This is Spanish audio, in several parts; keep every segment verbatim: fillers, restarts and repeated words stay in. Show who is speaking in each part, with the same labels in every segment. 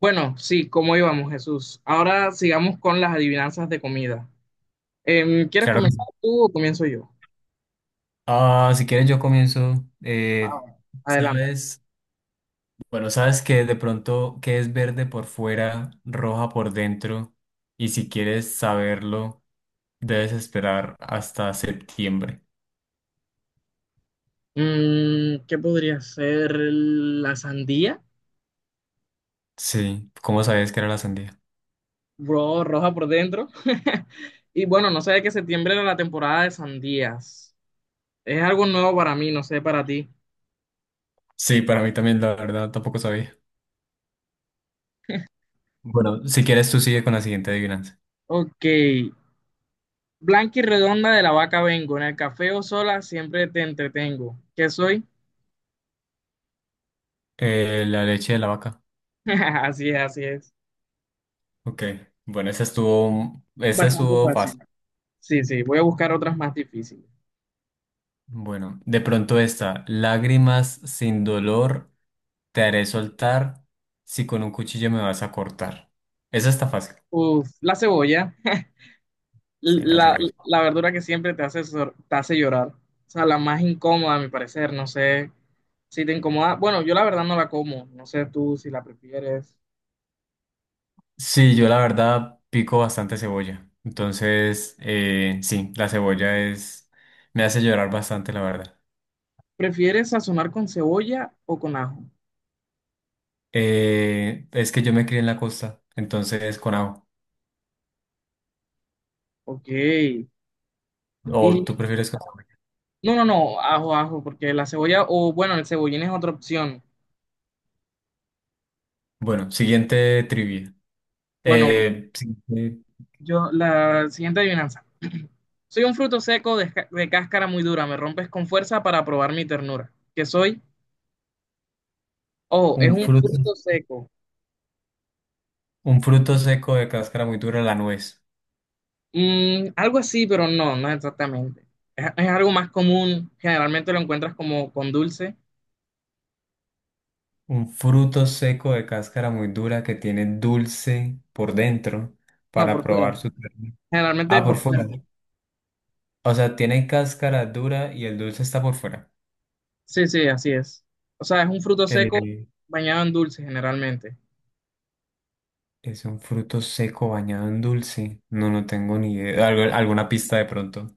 Speaker 1: Bueno, sí, ¿cómo íbamos, Jesús? Ahora sigamos con las adivinanzas de comida. Em, ¿quieres
Speaker 2: Claro. que sí.
Speaker 1: comenzar tú o comienzo yo?
Speaker 2: Ah, si quieres yo comienzo.
Speaker 1: Ah,
Speaker 2: Eh,
Speaker 1: adelante.
Speaker 2: ¿sabes? Bueno, sabes que de pronto que es verde por fuera, roja por dentro, y si quieres saberlo, debes esperar hasta septiembre.
Speaker 1: Mm, ¿qué podría ser la sandía?
Speaker 2: Sí, ¿cómo sabías que era la sandía?
Speaker 1: Bro, roja por dentro. Y bueno, no sé que septiembre era la temporada de sandías. Es algo nuevo para mí, no sé para ti.
Speaker 2: Sí, para mí también, la verdad, tampoco sabía. Bueno, si quieres tú sigue con la siguiente adivinanza.
Speaker 1: Ok. Blanca y redonda de la vaca vengo. En el café o sola siempre te entretengo. ¿Qué soy?
Speaker 2: Eh, la leche de la vaca.
Speaker 1: Así es, así es.
Speaker 2: Ok, bueno, esa estuvo, esa
Speaker 1: Bastante
Speaker 2: estuvo
Speaker 1: fácil.
Speaker 2: fácil.
Speaker 1: Sí, sí, voy a buscar otras más difíciles.
Speaker 2: Bueno, de pronto esta, lágrimas sin dolor. Te haré soltar si con un cuchillo me vas a cortar. Esa está fácil.
Speaker 1: Uf, la cebolla,
Speaker 2: Sí, la
Speaker 1: la,
Speaker 2: cebolla.
Speaker 1: la verdura que siempre te hace, sor- te hace llorar. O sea, la más incómoda, a mi parecer. No sé si te incomoda. Bueno, yo la verdad no la como. No sé tú si la prefieres.
Speaker 2: Sí, yo la verdad pico bastante cebolla. Entonces, eh, sí, la cebolla es... me hace llorar bastante, la verdad.
Speaker 1: ¿Prefieres sazonar con cebolla o con ajo?
Speaker 2: Eh, es que yo me crié en la costa, entonces con ajo.
Speaker 1: Ok.
Speaker 2: ¿O
Speaker 1: Y
Speaker 2: tú prefieres con ajo?
Speaker 1: no, no, no, ajo, ajo, porque la cebolla, o bueno, el cebollín es otra opción.
Speaker 2: Bueno, siguiente trivia.
Speaker 1: Bueno,
Speaker 2: Eh, siguiente,
Speaker 1: yo, la siguiente adivinanza. Soy un fruto seco de, ca- de cáscara muy dura, me rompes con fuerza para probar mi ternura. ¿Qué soy? Ojo, es
Speaker 2: un
Speaker 1: un
Speaker 2: fruto,
Speaker 1: fruto seco.
Speaker 2: un fruto seco de cáscara muy dura, la nuez.
Speaker 1: Mm, algo así, pero no, no exactamente. Es, es algo más común, generalmente lo encuentras como con dulce.
Speaker 2: Un fruto seco de cáscara muy dura que tiene dulce por dentro
Speaker 1: No,
Speaker 2: para
Speaker 1: por fuera.
Speaker 2: probar su ternura.
Speaker 1: Generalmente
Speaker 2: Ah, por
Speaker 1: por
Speaker 2: fuera.
Speaker 1: fuera.
Speaker 2: O sea, tiene cáscara dura y el dulce está por fuera.
Speaker 1: Sí, sí, así es. O sea, es un fruto
Speaker 2: Eh,
Speaker 1: seco bañado en dulce generalmente.
Speaker 2: es un fruto seco bañado en dulce. No, no tengo ni idea. Algo- alguna pista de pronto.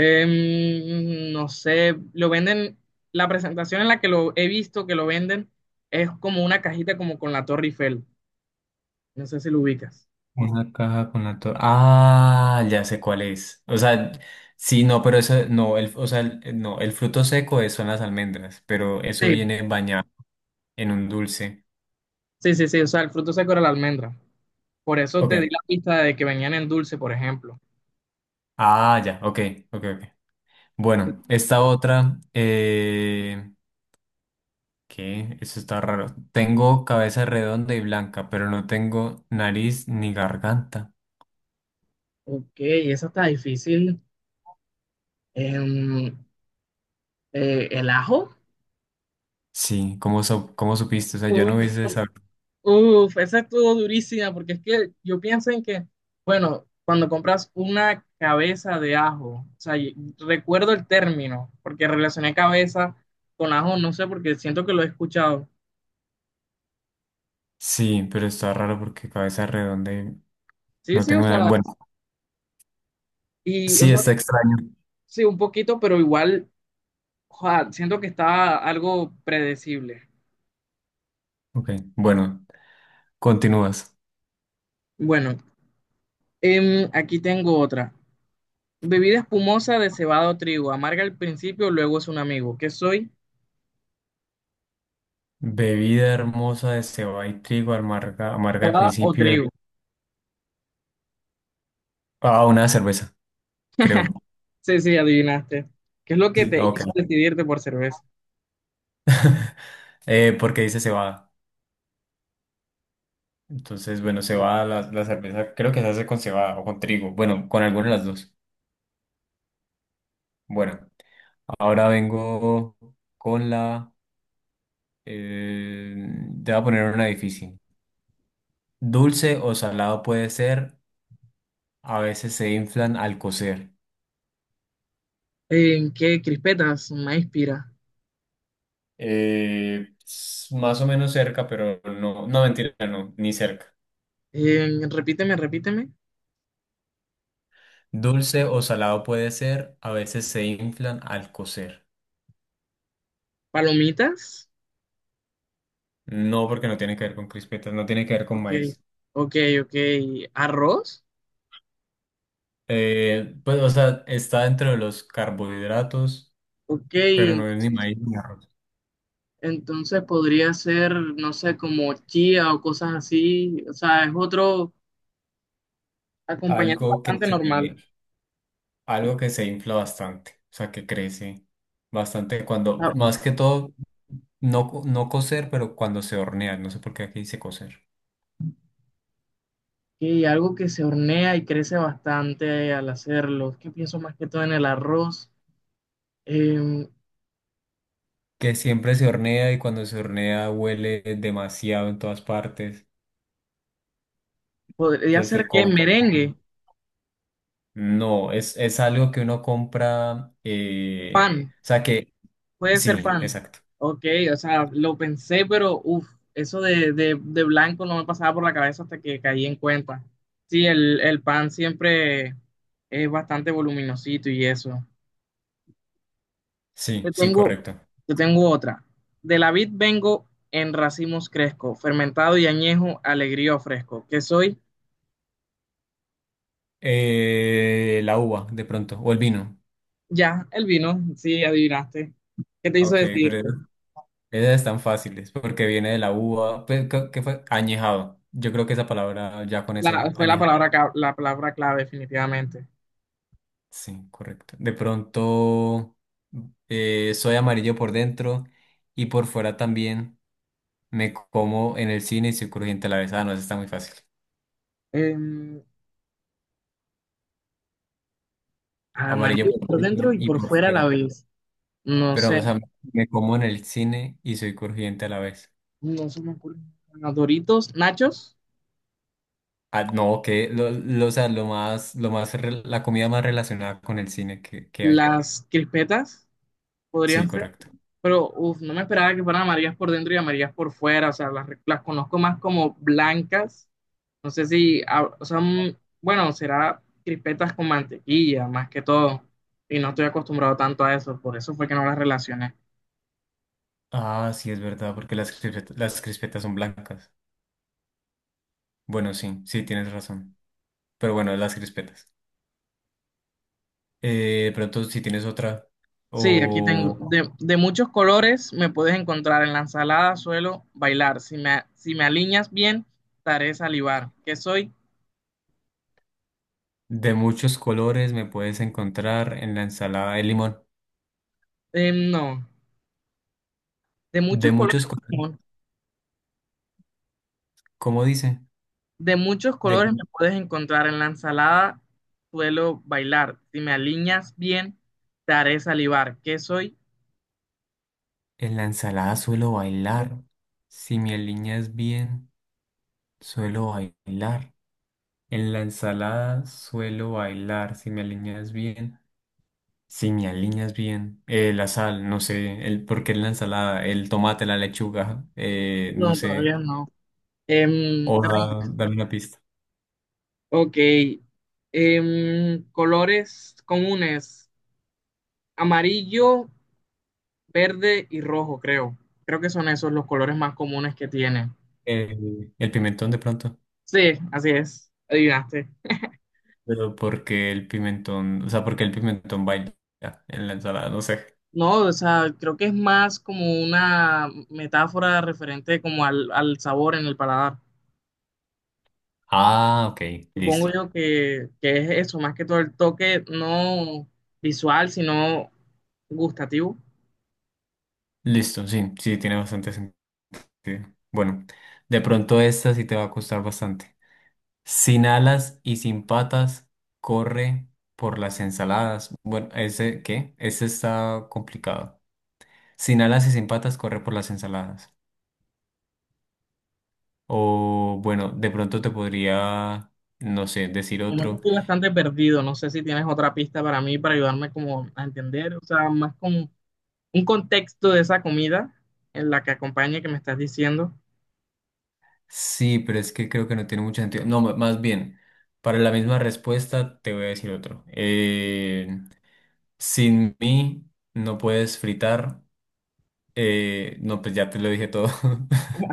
Speaker 1: Em, no sé, lo venden, la presentación en la que lo he visto que lo venden es como una cajita como con la Torre Eiffel. No sé si lo ubicas.
Speaker 2: Una caja con la torre. Ah, ya sé cuál es. O sea, sí, no, pero eso, no, el, o sea, el- no, el fruto seco es- son las almendras, pero eso
Speaker 1: Sí,
Speaker 2: viene bañado en un dulce.
Speaker 1: sí, sí, sí, o sea, el fruto seco era la almendra. Por eso te di
Speaker 2: Ok.
Speaker 1: la pista de que venían en dulce, por ejemplo.
Speaker 2: Ah, ya, ok, ok, ok. Bueno, esta otra, eh, ¿qué? Eso está raro. Tengo cabeza redonda y blanca, pero no tengo nariz ni garganta.
Speaker 1: Ok, eso está difícil. Em, eh, ¿el ajo?
Speaker 2: Sí, ¿cómo, so- ¿cómo supiste? O sea, yo no hubiese sabido.
Speaker 1: Uf, esa estuvo durísima porque es que yo pienso en que, bueno, cuando compras una cabeza de ajo, o sea, y- recuerdo el término, porque relacioné cabeza con ajo, no sé, porque siento que lo he escuchado.
Speaker 2: Sí, pero está raro porque cabeza redonda y
Speaker 1: Sí,
Speaker 2: no
Speaker 1: sí, o
Speaker 2: tengo nada.
Speaker 1: sea,
Speaker 2: Bueno,
Speaker 1: y, o
Speaker 2: sí,
Speaker 1: sea,
Speaker 2: está extraño.
Speaker 1: sí, un poquito, pero igual, joa, siento que está algo predecible.
Speaker 2: Ok, bueno, continúas.
Speaker 1: Bueno, em, aquí tengo otra. Bebida espumosa de cebada o trigo, amarga al principio, luego es un amigo. ¿Qué soy?
Speaker 2: Bebida hermosa de cebada y trigo, amarga, amarga al
Speaker 1: ¿Cebada o
Speaker 2: principio.
Speaker 1: trigo?
Speaker 2: Ah, una cerveza, creo.
Speaker 1: Sí, sí, adivinaste. ¿Qué es lo que
Speaker 2: Sí,
Speaker 1: te
Speaker 2: ok.
Speaker 1: hizo decidirte por cerveza?
Speaker 2: Eh, porque dice cebada. Entonces, bueno, cebada, la, la cerveza creo que se hace con cebada o con trigo. Bueno, con alguna de las dos. Bueno, ahora vengo con la... eh, te voy a poner una difícil. Dulce o salado puede ser, a veces se inflan al cocer.
Speaker 1: ¿En qué crispetas? Maíz pira.
Speaker 2: Eh, s- más o menos cerca, pero no, no mentira, no, ni cerca.
Speaker 1: En- repíteme, repíteme.
Speaker 2: Dulce o salado puede ser, a veces se inflan al cocer.
Speaker 1: ¿Palomitas?
Speaker 2: No, porque no tiene que ver con crispetas, no tiene que ver con
Speaker 1: Ok,
Speaker 2: maíz.
Speaker 1: ok, ok. ¿Arroz?
Speaker 2: Eh, pues, o sea, está dentro de los carbohidratos,
Speaker 1: Ok,
Speaker 2: pero
Speaker 1: en-
Speaker 2: no es ni maíz ni arroz.
Speaker 1: entonces podría ser, no sé, como chía o cosas así. O sea, es otro acompañante
Speaker 2: Algo que
Speaker 1: bastante
Speaker 2: se,
Speaker 1: normal.
Speaker 2: algo que se infla bastante, o sea, que crece bastante cuando,
Speaker 1: Ah,
Speaker 2: más que todo, no, co- no cocer, pero cuando se hornea, no sé por qué aquí dice cocer.
Speaker 1: ok, algo que se hornea y crece bastante al hacerlo. Es que pienso más que todo en el arroz. Em,
Speaker 2: Que siempre se hornea y cuando se hornea huele demasiado en todas partes,
Speaker 1: podría
Speaker 2: que
Speaker 1: ser
Speaker 2: se
Speaker 1: qué
Speaker 2: compra.
Speaker 1: merengue.
Speaker 2: No, es, es algo que uno compra, eh,
Speaker 1: Pan,
Speaker 2: o sea, que
Speaker 1: puede ser
Speaker 2: sí,
Speaker 1: pan.
Speaker 2: exacto.
Speaker 1: Ok, o sea, lo pensé, pero uff, eso de, de, de blanco no me pasaba por la cabeza hasta que caí en cuenta. Sí, el, el pan siempre es bastante voluminosito y eso. Te
Speaker 2: Sí, sí,
Speaker 1: tengo,
Speaker 2: correcto.
Speaker 1: te tengo otra. De la vid vengo en racimos cresco, fermentado y añejo, alegría fresco. Que soy.
Speaker 2: Eh, la uva, de pronto, o el vino.
Speaker 1: Ya el vino, sí, adivinaste. ¿Qué te hizo
Speaker 2: Ok,
Speaker 1: decir?
Speaker 2: pero es- esas están fáciles, porque viene de la uva, pues, ¿qué qué fue? Añejado. Yo creo que esa palabra ya con eso,
Speaker 1: La- fue la
Speaker 2: añejado.
Speaker 1: palabra, ca- la palabra clave, definitivamente.
Speaker 2: Sí, correcto. De pronto, eh, soy amarillo por dentro y por fuera también. Me como en el cine y soy crujiente a la vez. Ah, no, eso está muy fácil.
Speaker 1: Em,
Speaker 2: Amarillo
Speaker 1: amarillo
Speaker 2: por
Speaker 1: por dentro
Speaker 2: dentro
Speaker 1: y
Speaker 2: y
Speaker 1: por
Speaker 2: por
Speaker 1: fuera a la
Speaker 2: fuera.
Speaker 1: vez. No
Speaker 2: Pero,
Speaker 1: sé,
Speaker 2: o sea, me como en el cine y soy crujiente a la vez.
Speaker 1: no se me ocurren. Los Doritos, Nachos,
Speaker 2: Ah, no, que lo, lo, o sea, lo más, lo más, re- la comida más relacionada con el cine que, que hay.
Speaker 1: las crispetas
Speaker 2: Sí,
Speaker 1: podrían ser,
Speaker 2: correcto.
Speaker 1: pero uf, no me esperaba que fueran amarillas por dentro y amarillas por fuera. O sea, las, las conozco más como blancas. No sé si, ah, o sea, mm, bueno, será crispetas con mantequilla más que todo. Y no estoy acostumbrado tanto a eso, por eso fue que no las relacioné.
Speaker 2: Ah, sí, es verdad, porque las crispetas, las crispetas son blancas. Bueno, sí, sí, tienes razón. Pero bueno, las crispetas. Eh, pronto, si tienes otra
Speaker 1: Sí, aquí tengo.
Speaker 2: o
Speaker 1: De, de muchos colores me puedes encontrar. En la ensalada suelo bailar. Si me, si me alineas bien, te haré salivar. ¿Qué soy?
Speaker 2: de muchos colores, me puedes encontrar en la ensalada de limón.
Speaker 1: Eh, no. De
Speaker 2: De
Speaker 1: muchos colores,
Speaker 2: muchos colores,
Speaker 1: no.
Speaker 2: ¿cómo dice?
Speaker 1: De muchos
Speaker 2: De,
Speaker 1: colores me puedes encontrar. En la ensalada suelo bailar. Si me alineas bien, te haré salivar. ¿Qué soy?
Speaker 2: en la ensalada suelo bailar. Si me alineas bien, suelo bailar. En la ensalada suelo bailar, si me alineas bien. Si me alineas bien. Eh, la sal, no sé. El, ¿por qué en la ensalada? El tomate, la lechuga, eh, no
Speaker 1: No, todavía
Speaker 2: sé.
Speaker 1: no.
Speaker 2: O
Speaker 1: Em, te
Speaker 2: da-
Speaker 1: rindo.
Speaker 2: dame una pista.
Speaker 1: Ok. Em, colores comunes. Amarillo, verde y rojo, creo. Creo que son esos los colores más comunes que tiene.
Speaker 2: Eh, el pimentón de pronto.
Speaker 1: Sí, así es, adivinaste.
Speaker 2: Pero porque el pimentón, o sea, porque el pimentón baila en la ensalada, no sé.
Speaker 1: No, o sea, creo que es más como una metáfora referente como al, al sabor en el paladar.
Speaker 2: Ah, ok,
Speaker 1: Supongo
Speaker 2: listo.
Speaker 1: yo que, que es eso, más que todo el toque no visual, sino gustativo.
Speaker 2: Listo, sí, sí, tiene bastante sentido. Bueno, de pronto esta sí te va a costar bastante. Sin alas y sin patas, corre por las ensaladas. Bueno, ese, ¿qué? Ese está complicado. Sin alas y sin patas, corre por las ensaladas. O bueno, de pronto te podría, no sé, decir
Speaker 1: Como que
Speaker 2: otro.
Speaker 1: estoy bastante perdido, no sé si tienes otra pista para mí, para ayudarme como a entender, o sea, más como un contexto de esa comida en la que acompañe que me estás diciendo.
Speaker 2: Sí, pero es que creo que no tiene mucho sentido. No, m- más bien, para la misma respuesta te voy a decir otro. Eh, sin mí no puedes fritar. Eh, no, pues ya te lo dije todo.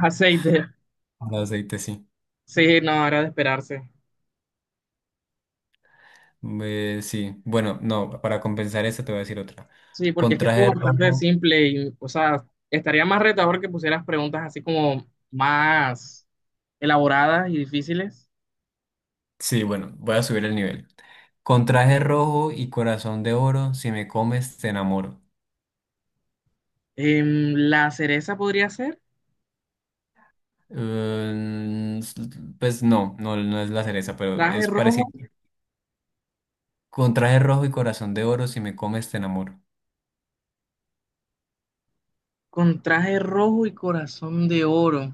Speaker 1: Aceite.
Speaker 2: Con aceite, sí.
Speaker 1: Sí, no, era de esperarse.
Speaker 2: Eh, sí, bueno, no, para compensar esta te voy a decir otra.
Speaker 1: Sí, porque
Speaker 2: Con
Speaker 1: es que
Speaker 2: traje
Speaker 1: estuvo bastante
Speaker 2: rojo,
Speaker 1: simple y, o sea, estaría más retador que pusieras preguntas así como más elaboradas y difíciles.
Speaker 2: sí, bueno, voy a subir el nivel. Con traje rojo y corazón de oro, si me comes, te enamoro.
Speaker 1: Em, la cereza podría ser
Speaker 2: Mm, s- pues no, no, no es la cereza, pero
Speaker 1: traje
Speaker 2: es
Speaker 1: rojo
Speaker 2: parecido. Con traje rojo y corazón de oro, si me comes, te enamoro.
Speaker 1: con traje rojo y corazón de oro.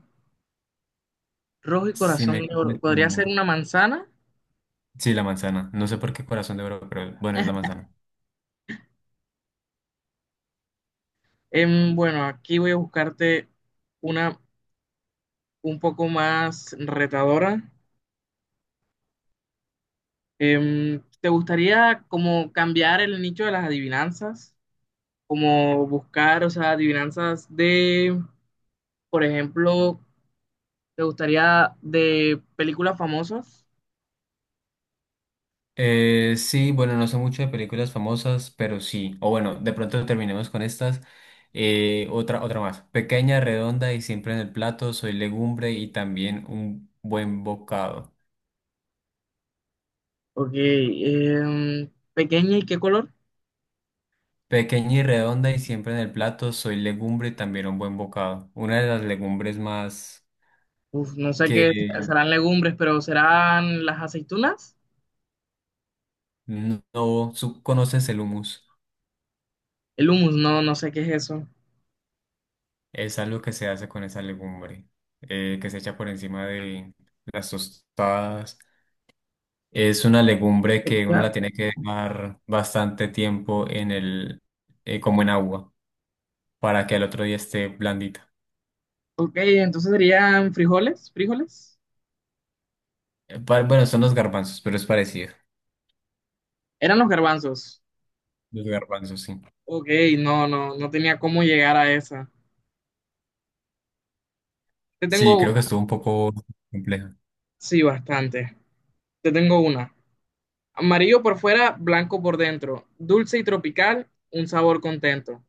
Speaker 1: Rojo y
Speaker 2: Si me
Speaker 1: corazón de oro.
Speaker 2: comes, te
Speaker 1: Podría ser
Speaker 2: enamoro.
Speaker 1: una manzana.
Speaker 2: Sí, la manzana. No sé por qué corazón de oro, pero bueno, es la manzana.
Speaker 1: Em, bueno, aquí voy a buscarte una un poco más retadora. Em, ¿te gustaría como cambiar el nicho de las adivinanzas? Como buscar, o sea, adivinanzas de, por ejemplo, ¿te gustaría de películas famosas?
Speaker 2: Eh, sí, bueno, no sé mucho de películas famosas, pero sí. O bueno, de pronto terminemos con estas. Eh, otra, otra más. Pequeña, redonda y siempre en el plato. Soy legumbre y también un buen bocado.
Speaker 1: Ok, em, pequeña y qué color?
Speaker 2: Pequeña y redonda y siempre en el plato. Soy legumbre y también un buen bocado. Una de las legumbres más
Speaker 1: Uf, no sé qué es,
Speaker 2: que
Speaker 1: serán legumbres, pero serán las aceitunas,
Speaker 2: no, no- su- conoces el humus.
Speaker 1: el humus, no, no sé qué es eso.
Speaker 2: Es algo que se hace con esa legumbre, eh, que se echa por encima de las tostadas. Es una legumbre que uno
Speaker 1: Ya.
Speaker 2: la tiene que dejar bastante tiempo en el, eh, como en agua, para que al otro día esté blandita.
Speaker 1: Ok, entonces serían frijoles, frijoles.
Speaker 2: Eh, pa- Bueno, son los garbanzos, pero es parecido.
Speaker 1: Eran los garbanzos.
Speaker 2: Los garbanzos, sí.
Speaker 1: Ok, no, no, no tenía cómo llegar a esa. Te
Speaker 2: Sí,
Speaker 1: tengo
Speaker 2: creo
Speaker 1: una,
Speaker 2: que estuvo un poco compleja.
Speaker 1: sí, bastante. Te tengo una. Amarillo por fuera, blanco por dentro. Dulce y tropical, un sabor contento.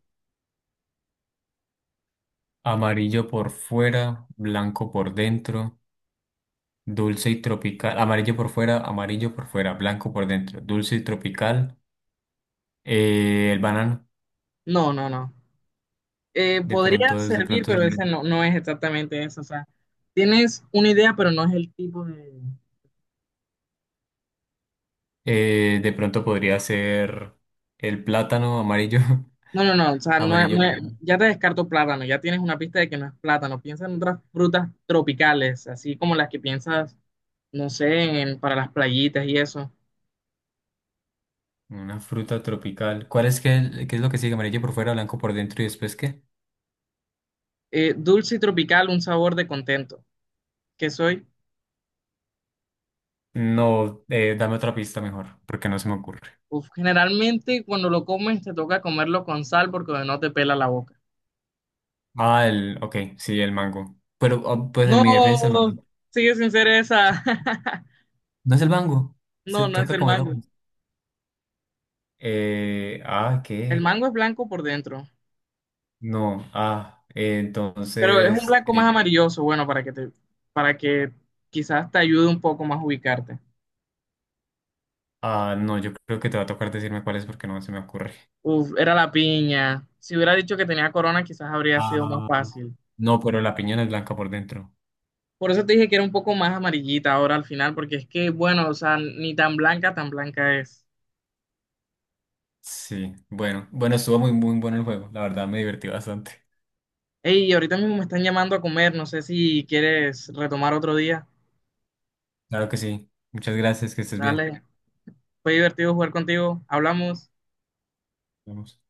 Speaker 2: Amarillo por fuera, blanco por dentro, dulce y tropical. Amarillo por fuera, amarillo por fuera, blanco por dentro, dulce y tropical. Eh, el banano,
Speaker 1: No, no, no. Eh,
Speaker 2: de
Speaker 1: podría
Speaker 2: pronto, es- de
Speaker 1: servir,
Speaker 2: pronto, es-
Speaker 1: pero ese no, no es exactamente eso. O sea, tienes una idea, pero no es el tipo de...
Speaker 2: eh, de pronto podría ser el plátano amarillo.
Speaker 1: No, no, no. O sea, no es-
Speaker 2: Amarillo,
Speaker 1: no es-
Speaker 2: por-
Speaker 1: ya te descarto plátano. Ya tienes una pista de que no es plátano. Piensa en otras frutas tropicales, así como las que piensas, no sé, en- para las playitas y eso.
Speaker 2: una fruta tropical. ¿Cuál es que, qué es lo que sigue? Amarillo por fuera, blanco por dentro y después qué?
Speaker 1: Eh, dulce y tropical, un sabor de contento. ¿Qué soy?
Speaker 2: No, eh, dame otra pista mejor, porque no se me ocurre.
Speaker 1: Uf, generalmente cuando lo comes te toca comerlo con sal porque no te pela la boca.
Speaker 2: Ah, el, ok, sí, el mango. Pero ah, pues en mi defensa el
Speaker 1: No,
Speaker 2: mango.
Speaker 1: sigue sin ser esa.
Speaker 2: No es el mango, se
Speaker 1: No, no es
Speaker 2: toca
Speaker 1: el
Speaker 2: comerlo.
Speaker 1: mango.
Speaker 2: Eh, ah,
Speaker 1: El
Speaker 2: ¿qué?
Speaker 1: mango es blanco por dentro,
Speaker 2: No, ah, eh,
Speaker 1: pero es un
Speaker 2: entonces,
Speaker 1: blanco
Speaker 2: eh,
Speaker 1: más amarilloso, bueno, para que te, para que quizás te ayude un poco más a ubicarte.
Speaker 2: ah, no, yo creo que te va a tocar decirme cuál es porque no se me ocurre.
Speaker 1: Uf, era la piña. Si hubiera dicho que tenía corona, quizás habría sido más
Speaker 2: Ah,
Speaker 1: fácil.
Speaker 2: no, pero la piña no es blanca por dentro.
Speaker 1: Por eso te dije que era un poco más amarillita ahora al final, porque es que, bueno, o sea, ni tan blanca, tan blanca es.
Speaker 2: Sí, bueno, bueno, estuvo muy, muy bueno el juego. La verdad me divertí bastante.
Speaker 1: Hey, ahorita mismo me están llamando a comer, no sé si quieres retomar otro día.
Speaker 2: Claro que sí. Muchas gracias, que estés bien.
Speaker 1: Dale, fue divertido jugar contigo, hablamos.
Speaker 2: Nos vemos.